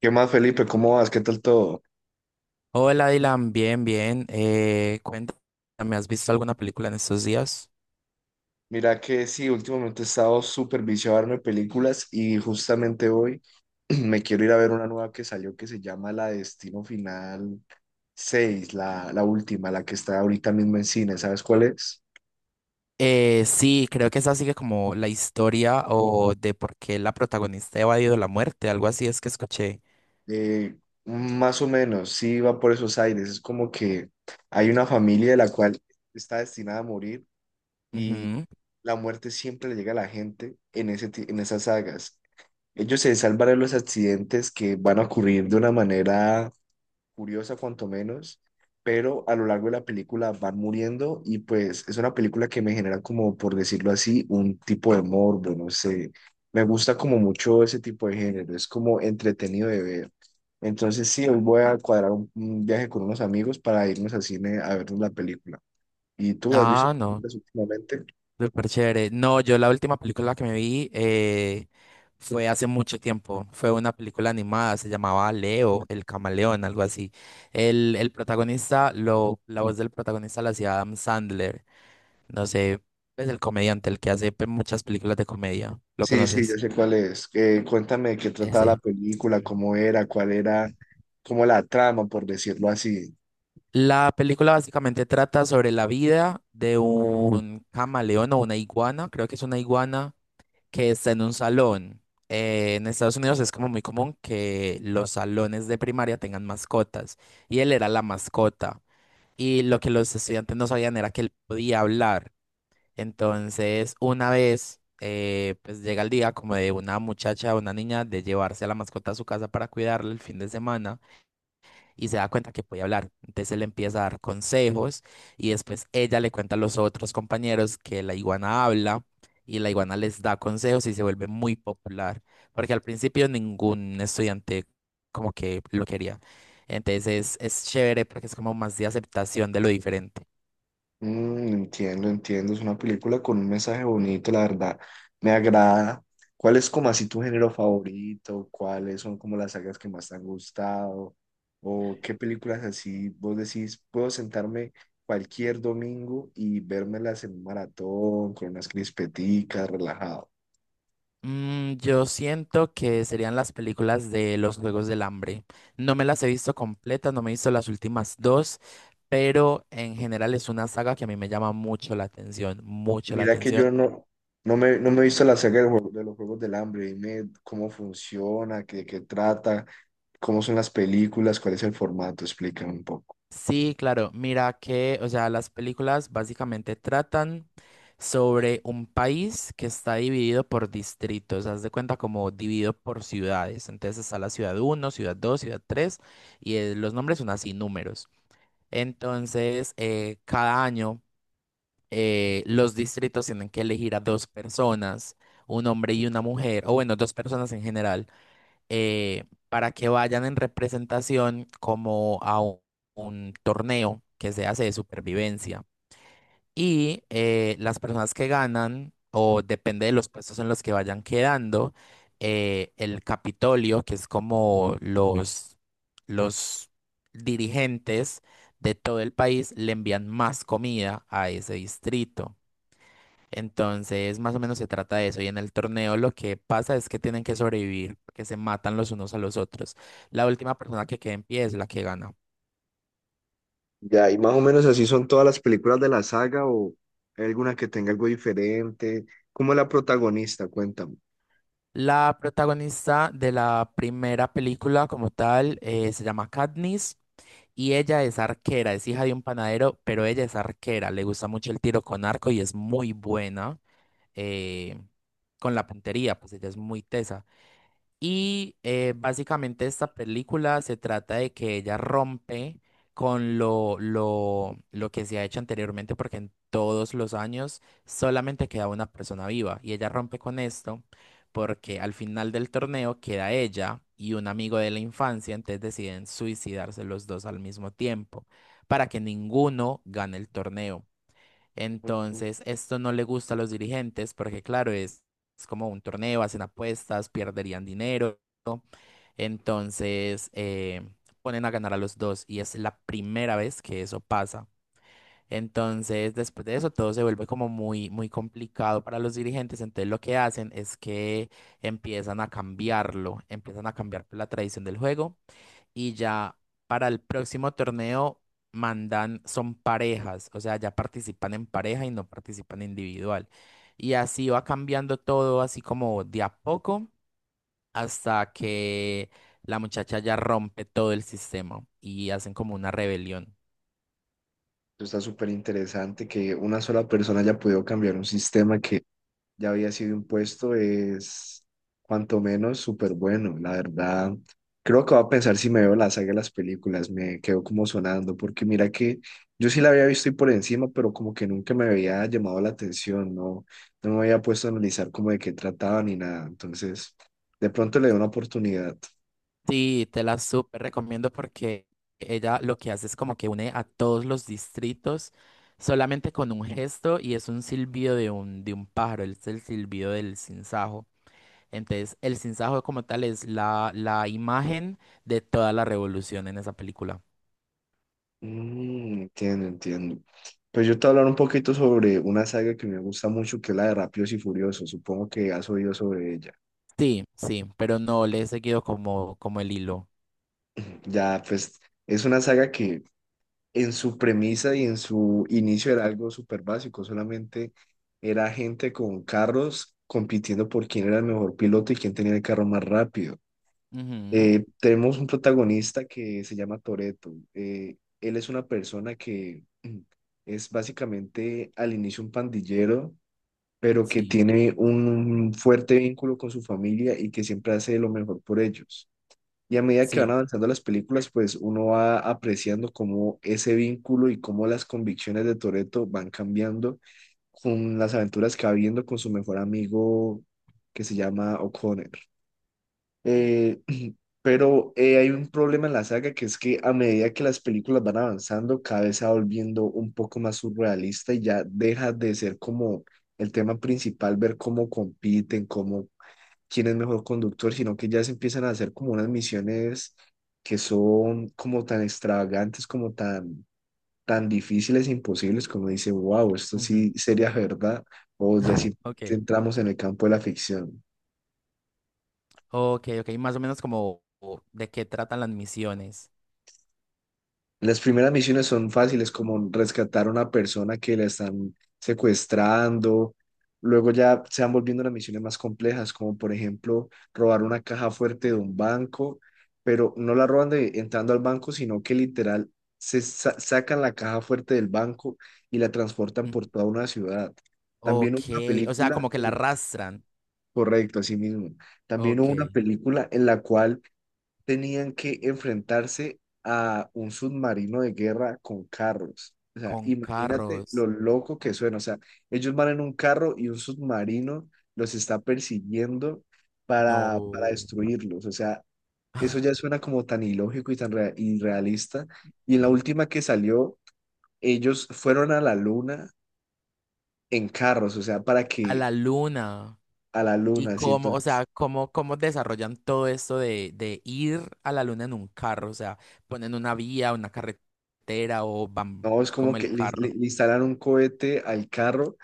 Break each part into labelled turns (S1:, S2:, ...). S1: ¿Qué más, Felipe? ¿Cómo vas? ¿Qué tal todo?
S2: Hola Dylan, bien, bien. Cuéntame, ¿has visto alguna película en estos días?
S1: Mira que sí, últimamente he estado súper viciado a verme películas y justamente hoy me quiero ir a ver una nueva que salió que se llama La Destino Final 6, la última, la que está ahorita mismo en cine. ¿Sabes cuál es?
S2: Sí, creo que esa sigue como la historia o de por qué la protagonista ha evadido la muerte, algo así es que escuché.
S1: Eh, Más o menos, sí va por esos aires. Es como que hay una familia de la cual está destinada a morir y
S2: Ujú.
S1: la muerte siempre le llega a la gente en esas sagas. Ellos se salvan de los accidentes que van a ocurrir de una manera curiosa, cuanto menos, pero a lo largo de la película van muriendo y pues es una película que me genera como, por decirlo así, un tipo de morbo, no sé. Me gusta como mucho ese tipo de género, es como entretenido de ver. Entonces sí, hoy voy a cuadrar un viaje con unos amigos para irnos al cine a vernos la película. ¿Y tú has visto
S2: Ah, no,
S1: películas últimamente?
S2: súper chévere. No, yo la última película que me vi fue hace mucho tiempo. Fue una película animada, se llamaba Leo, el camaleón, algo así. El protagonista, lo, la voz del protagonista la hacía Adam Sandler. No sé, es el comediante, el que hace muchas películas de comedia. ¿Lo
S1: Sí, sí, ya
S2: conoces?
S1: sé cuál es. Cuéntame de qué trataba la
S2: Ese.
S1: película, cómo era, cuál era, cómo la trama, por decirlo así.
S2: La película básicamente trata sobre la vida de un camaleón o una iguana, creo que es una iguana, que está en un salón. En Estados Unidos es como muy común que los salones de primaria tengan mascotas y él era la mascota. Y lo que los estudiantes no sabían era que él podía hablar. Entonces, una vez, pues llega el día como de una muchacha, una niña, de llevarse a la mascota a su casa para cuidarla el fin de semana y se da cuenta que puede hablar. Entonces él empieza a dar consejos y después ella le cuenta a los otros compañeros que la iguana habla y la iguana les da consejos y se vuelve muy popular, porque al principio ningún estudiante como que lo quería. Entonces es chévere porque es como más de aceptación de lo diferente.
S1: Entiendo, entiendo. Es una película con un mensaje bonito, la verdad. Me agrada. ¿Cuál es como así tu género favorito? ¿Cuáles son como las sagas que más te han gustado? ¿O qué películas así vos decís, puedo sentarme cualquier domingo y vérmelas en un maratón, con unas crispeticas, relajado?
S2: Mm, yo siento que serían las películas de los Juegos del Hambre. No me las he visto completas, no me he visto las últimas dos, pero en general es una saga que a mí me llama mucho la atención, mucho la
S1: Mira que yo
S2: atención.
S1: no me he visto la saga de los Juegos del Hambre, dime cómo funciona, qué trata, cómo son las películas, cuál es el formato, explícame un poco.
S2: Sí, claro, mira que, o sea, las películas básicamente tratan sobre un país que está dividido por distritos, haz de cuenta como dividido por ciudades. Entonces está la ciudad uno, ciudad 2, ciudad 3, y los nombres son así, números. Entonces, cada año los distritos tienen que elegir a dos personas, un hombre y una mujer, o bueno, dos personas en general, eh, para que vayan en representación como a un torneo que se hace de supervivencia. Y las personas que ganan, o depende de los puestos en los que vayan quedando, el Capitolio, que es como los dirigentes de todo el país, le envían más comida a ese distrito. Entonces, más o menos se trata de eso. Y en el torneo lo que pasa es que tienen que sobrevivir, que se matan los unos a los otros. La última persona que quede en pie es la que gana.
S1: Ya, y más o menos así son todas las películas de la saga o hay alguna que tenga algo diferente. ¿Cómo es la protagonista? Cuéntame.
S2: La protagonista de la primera película como tal se llama Katniss y ella es arquera, es hija de un panadero, pero ella es arquera, le gusta mucho el tiro con arco y es muy buena eh, con la puntería, pues ella es muy tesa. Y básicamente esta película se trata de que ella rompe con lo que se ha hecho anteriormente, porque en todos los años solamente queda una persona viva. Y ella rompe con esto porque al final del torneo queda ella y un amigo de la infancia, entonces deciden suicidarse los dos al mismo tiempo para que ninguno gane el torneo.
S1: Ujú.
S2: Entonces, esto no le gusta a los dirigentes porque, claro, es como un torneo, hacen apuestas, perderían dinero. Entonces, ponen a ganar a los dos y es la primera vez que eso pasa. Entonces, después de eso, todo se vuelve como muy, muy complicado para los dirigentes. Entonces, lo que hacen es que empiezan a cambiarlo, empiezan a cambiar la tradición del juego y ya para el próximo torneo mandan, son parejas, o sea, ya participan en pareja y no participan individual. Y así va cambiando todo, así como de a poco, hasta que la muchacha ya rompe todo el sistema y hacen como una rebelión.
S1: Está súper interesante que una sola persona haya podido cambiar un sistema que ya había sido impuesto es cuanto menos súper bueno, la verdad. Creo que voy a pensar si me veo la saga de las películas, me quedo como sonando, porque mira que yo sí la había visto y por encima, pero como que nunca
S2: Ujú.
S1: me había llamado la atención, no, no me había puesto a analizar como de qué trataba ni nada, entonces de pronto le doy una oportunidad.
S2: Sí, te la súper recomiendo porque ella lo que hace es como que une a todos los distritos solamente con un gesto y es un silbido de de un pájaro, es el silbido del sinsajo. Entonces, el sinsajo como tal es la, la imagen de toda la revolución en esa película.
S1: Entiendo, entiendo. Pues yo te voy a hablar un poquito sobre una saga que me gusta mucho, que es la de Rápidos y Furiosos, supongo que has oído sobre ella.
S2: Sí, sí, pero no le he seguido como, como el hilo.
S1: Ya, pues es una saga que en su premisa y en su inicio era algo súper básico, solamente era gente con carros compitiendo por quién era el mejor piloto y quién tenía el carro más rápido.
S2: Ujú,
S1: Tenemos un protagonista que se llama Toretto. Él es una persona que es básicamente al inicio un pandillero, pero que
S2: sí,
S1: tiene un fuerte vínculo con su familia y que siempre hace lo mejor por ellos. Y a medida que van
S2: sí.
S1: avanzando las películas, pues uno va apreciando cómo ese vínculo y cómo las convicciones de Toretto van cambiando con las aventuras que va viendo con su mejor amigo que se llama O'Connor. Eh, pero hay un problema en la saga que es que a medida que las películas van avanzando, cada vez se va volviendo un poco más surrealista y ya deja de ser como el tema principal, ver cómo compiten, cómo quién es mejor conductor, sino que ya se empiezan a hacer como unas misiones que son como tan extravagantes, como tan difíciles e imposibles, como dice, wow, esto
S2: Ujú.
S1: sí sería verdad, o ya sí
S2: Ok,
S1: entramos en el campo de la ficción.
S2: ok, ok. Más o menos como o, de qué tratan las misiones.
S1: Las primeras misiones son fáciles, como rescatar a una persona que la están secuestrando. Luego ya se van volviendo las misiones más complejas, como por ejemplo robar una caja fuerte de un banco, pero no la roban de, entrando al banco, sino que literal sacan la caja fuerte del banco y la transportan
S2: Ujú.
S1: por toda una ciudad. También
S2: Ok,
S1: hubo una
S2: o sea,
S1: película,
S2: como que la arrastran.
S1: correcto, así mismo. También hubo una
S2: Ok,
S1: película en la cual tenían que enfrentarse a un submarino de guerra con carros. O sea,
S2: con
S1: imagínate lo
S2: carros.
S1: loco que suena. O sea, ellos van en un carro y un submarino los está persiguiendo para
S2: No.
S1: destruirlos. O sea, eso ya suena como tan ilógico y tan irrealista. Y en la última que salió, ellos fueron a la luna en carros, o sea, para
S2: A
S1: que
S2: la luna.
S1: a la
S2: Y
S1: luna, así
S2: cómo, o
S1: entonces.
S2: sea, cómo desarrollan todo esto de ir a la luna en un carro, o sea, ponen una vía, una carretera o van
S1: No, es
S2: como
S1: como que
S2: el
S1: le,
S2: carro.
S1: le- le instalan un cohete al carro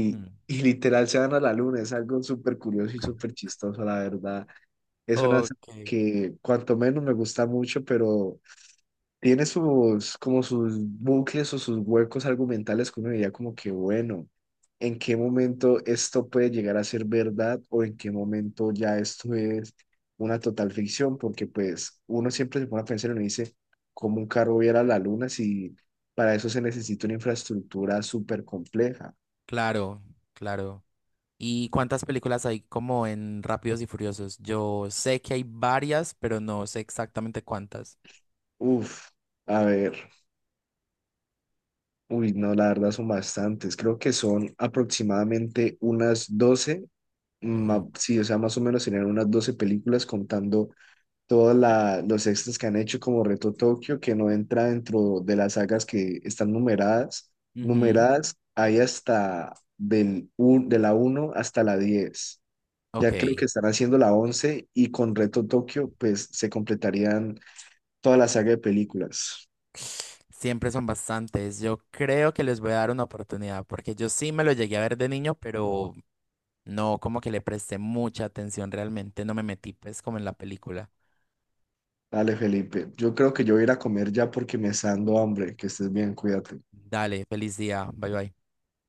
S2: Ujú.
S1: y literal se van a la luna. Es algo súper curioso y súper chistoso, la verdad. Es una serie
S2: Ok,
S1: que cuanto menos me gusta mucho, pero tiene sus, como sus bucles o sus huecos argumentales que uno diría como que, bueno, ¿en qué momento esto puede llegar a ser verdad o en qué momento ya esto es una total ficción? Porque pues uno siempre se pone a pensar y uno dice, ¿cómo un carro viera la luna si para eso se necesita una infraestructura súper compleja?
S2: claro, claro. ¿Y cuántas películas hay como en Rápidos y Furiosos? Yo sé que hay varias, pero no sé exactamente cuántas.
S1: Uf, a ver, uy, no, la verdad son bastantes. Creo que son aproximadamente unas 12
S2: Ujú,
S1: sí, o sea, más o menos tenían unas 12 películas contando todos los extras que han hecho como Reto Tokio, que no entra dentro de las sagas que están numeradas.
S2: ujú,
S1: Numeradas hay hasta de la uno hasta la 10. Ya creo que
S2: ok.
S1: están haciendo la 11 y con Reto Tokio pues se completarían toda la saga de películas.
S2: Siempre son bastantes. Yo creo que les voy a dar una oportunidad, porque yo sí me lo llegué a ver de niño, pero no, como que le presté mucha atención realmente, no me metí pues como en la película.
S1: Dale, Felipe. Yo creo que yo voy a ir a comer ya porque me está dando hambre. Que estés bien, cuídate.
S2: Dale, feliz día, bye bye.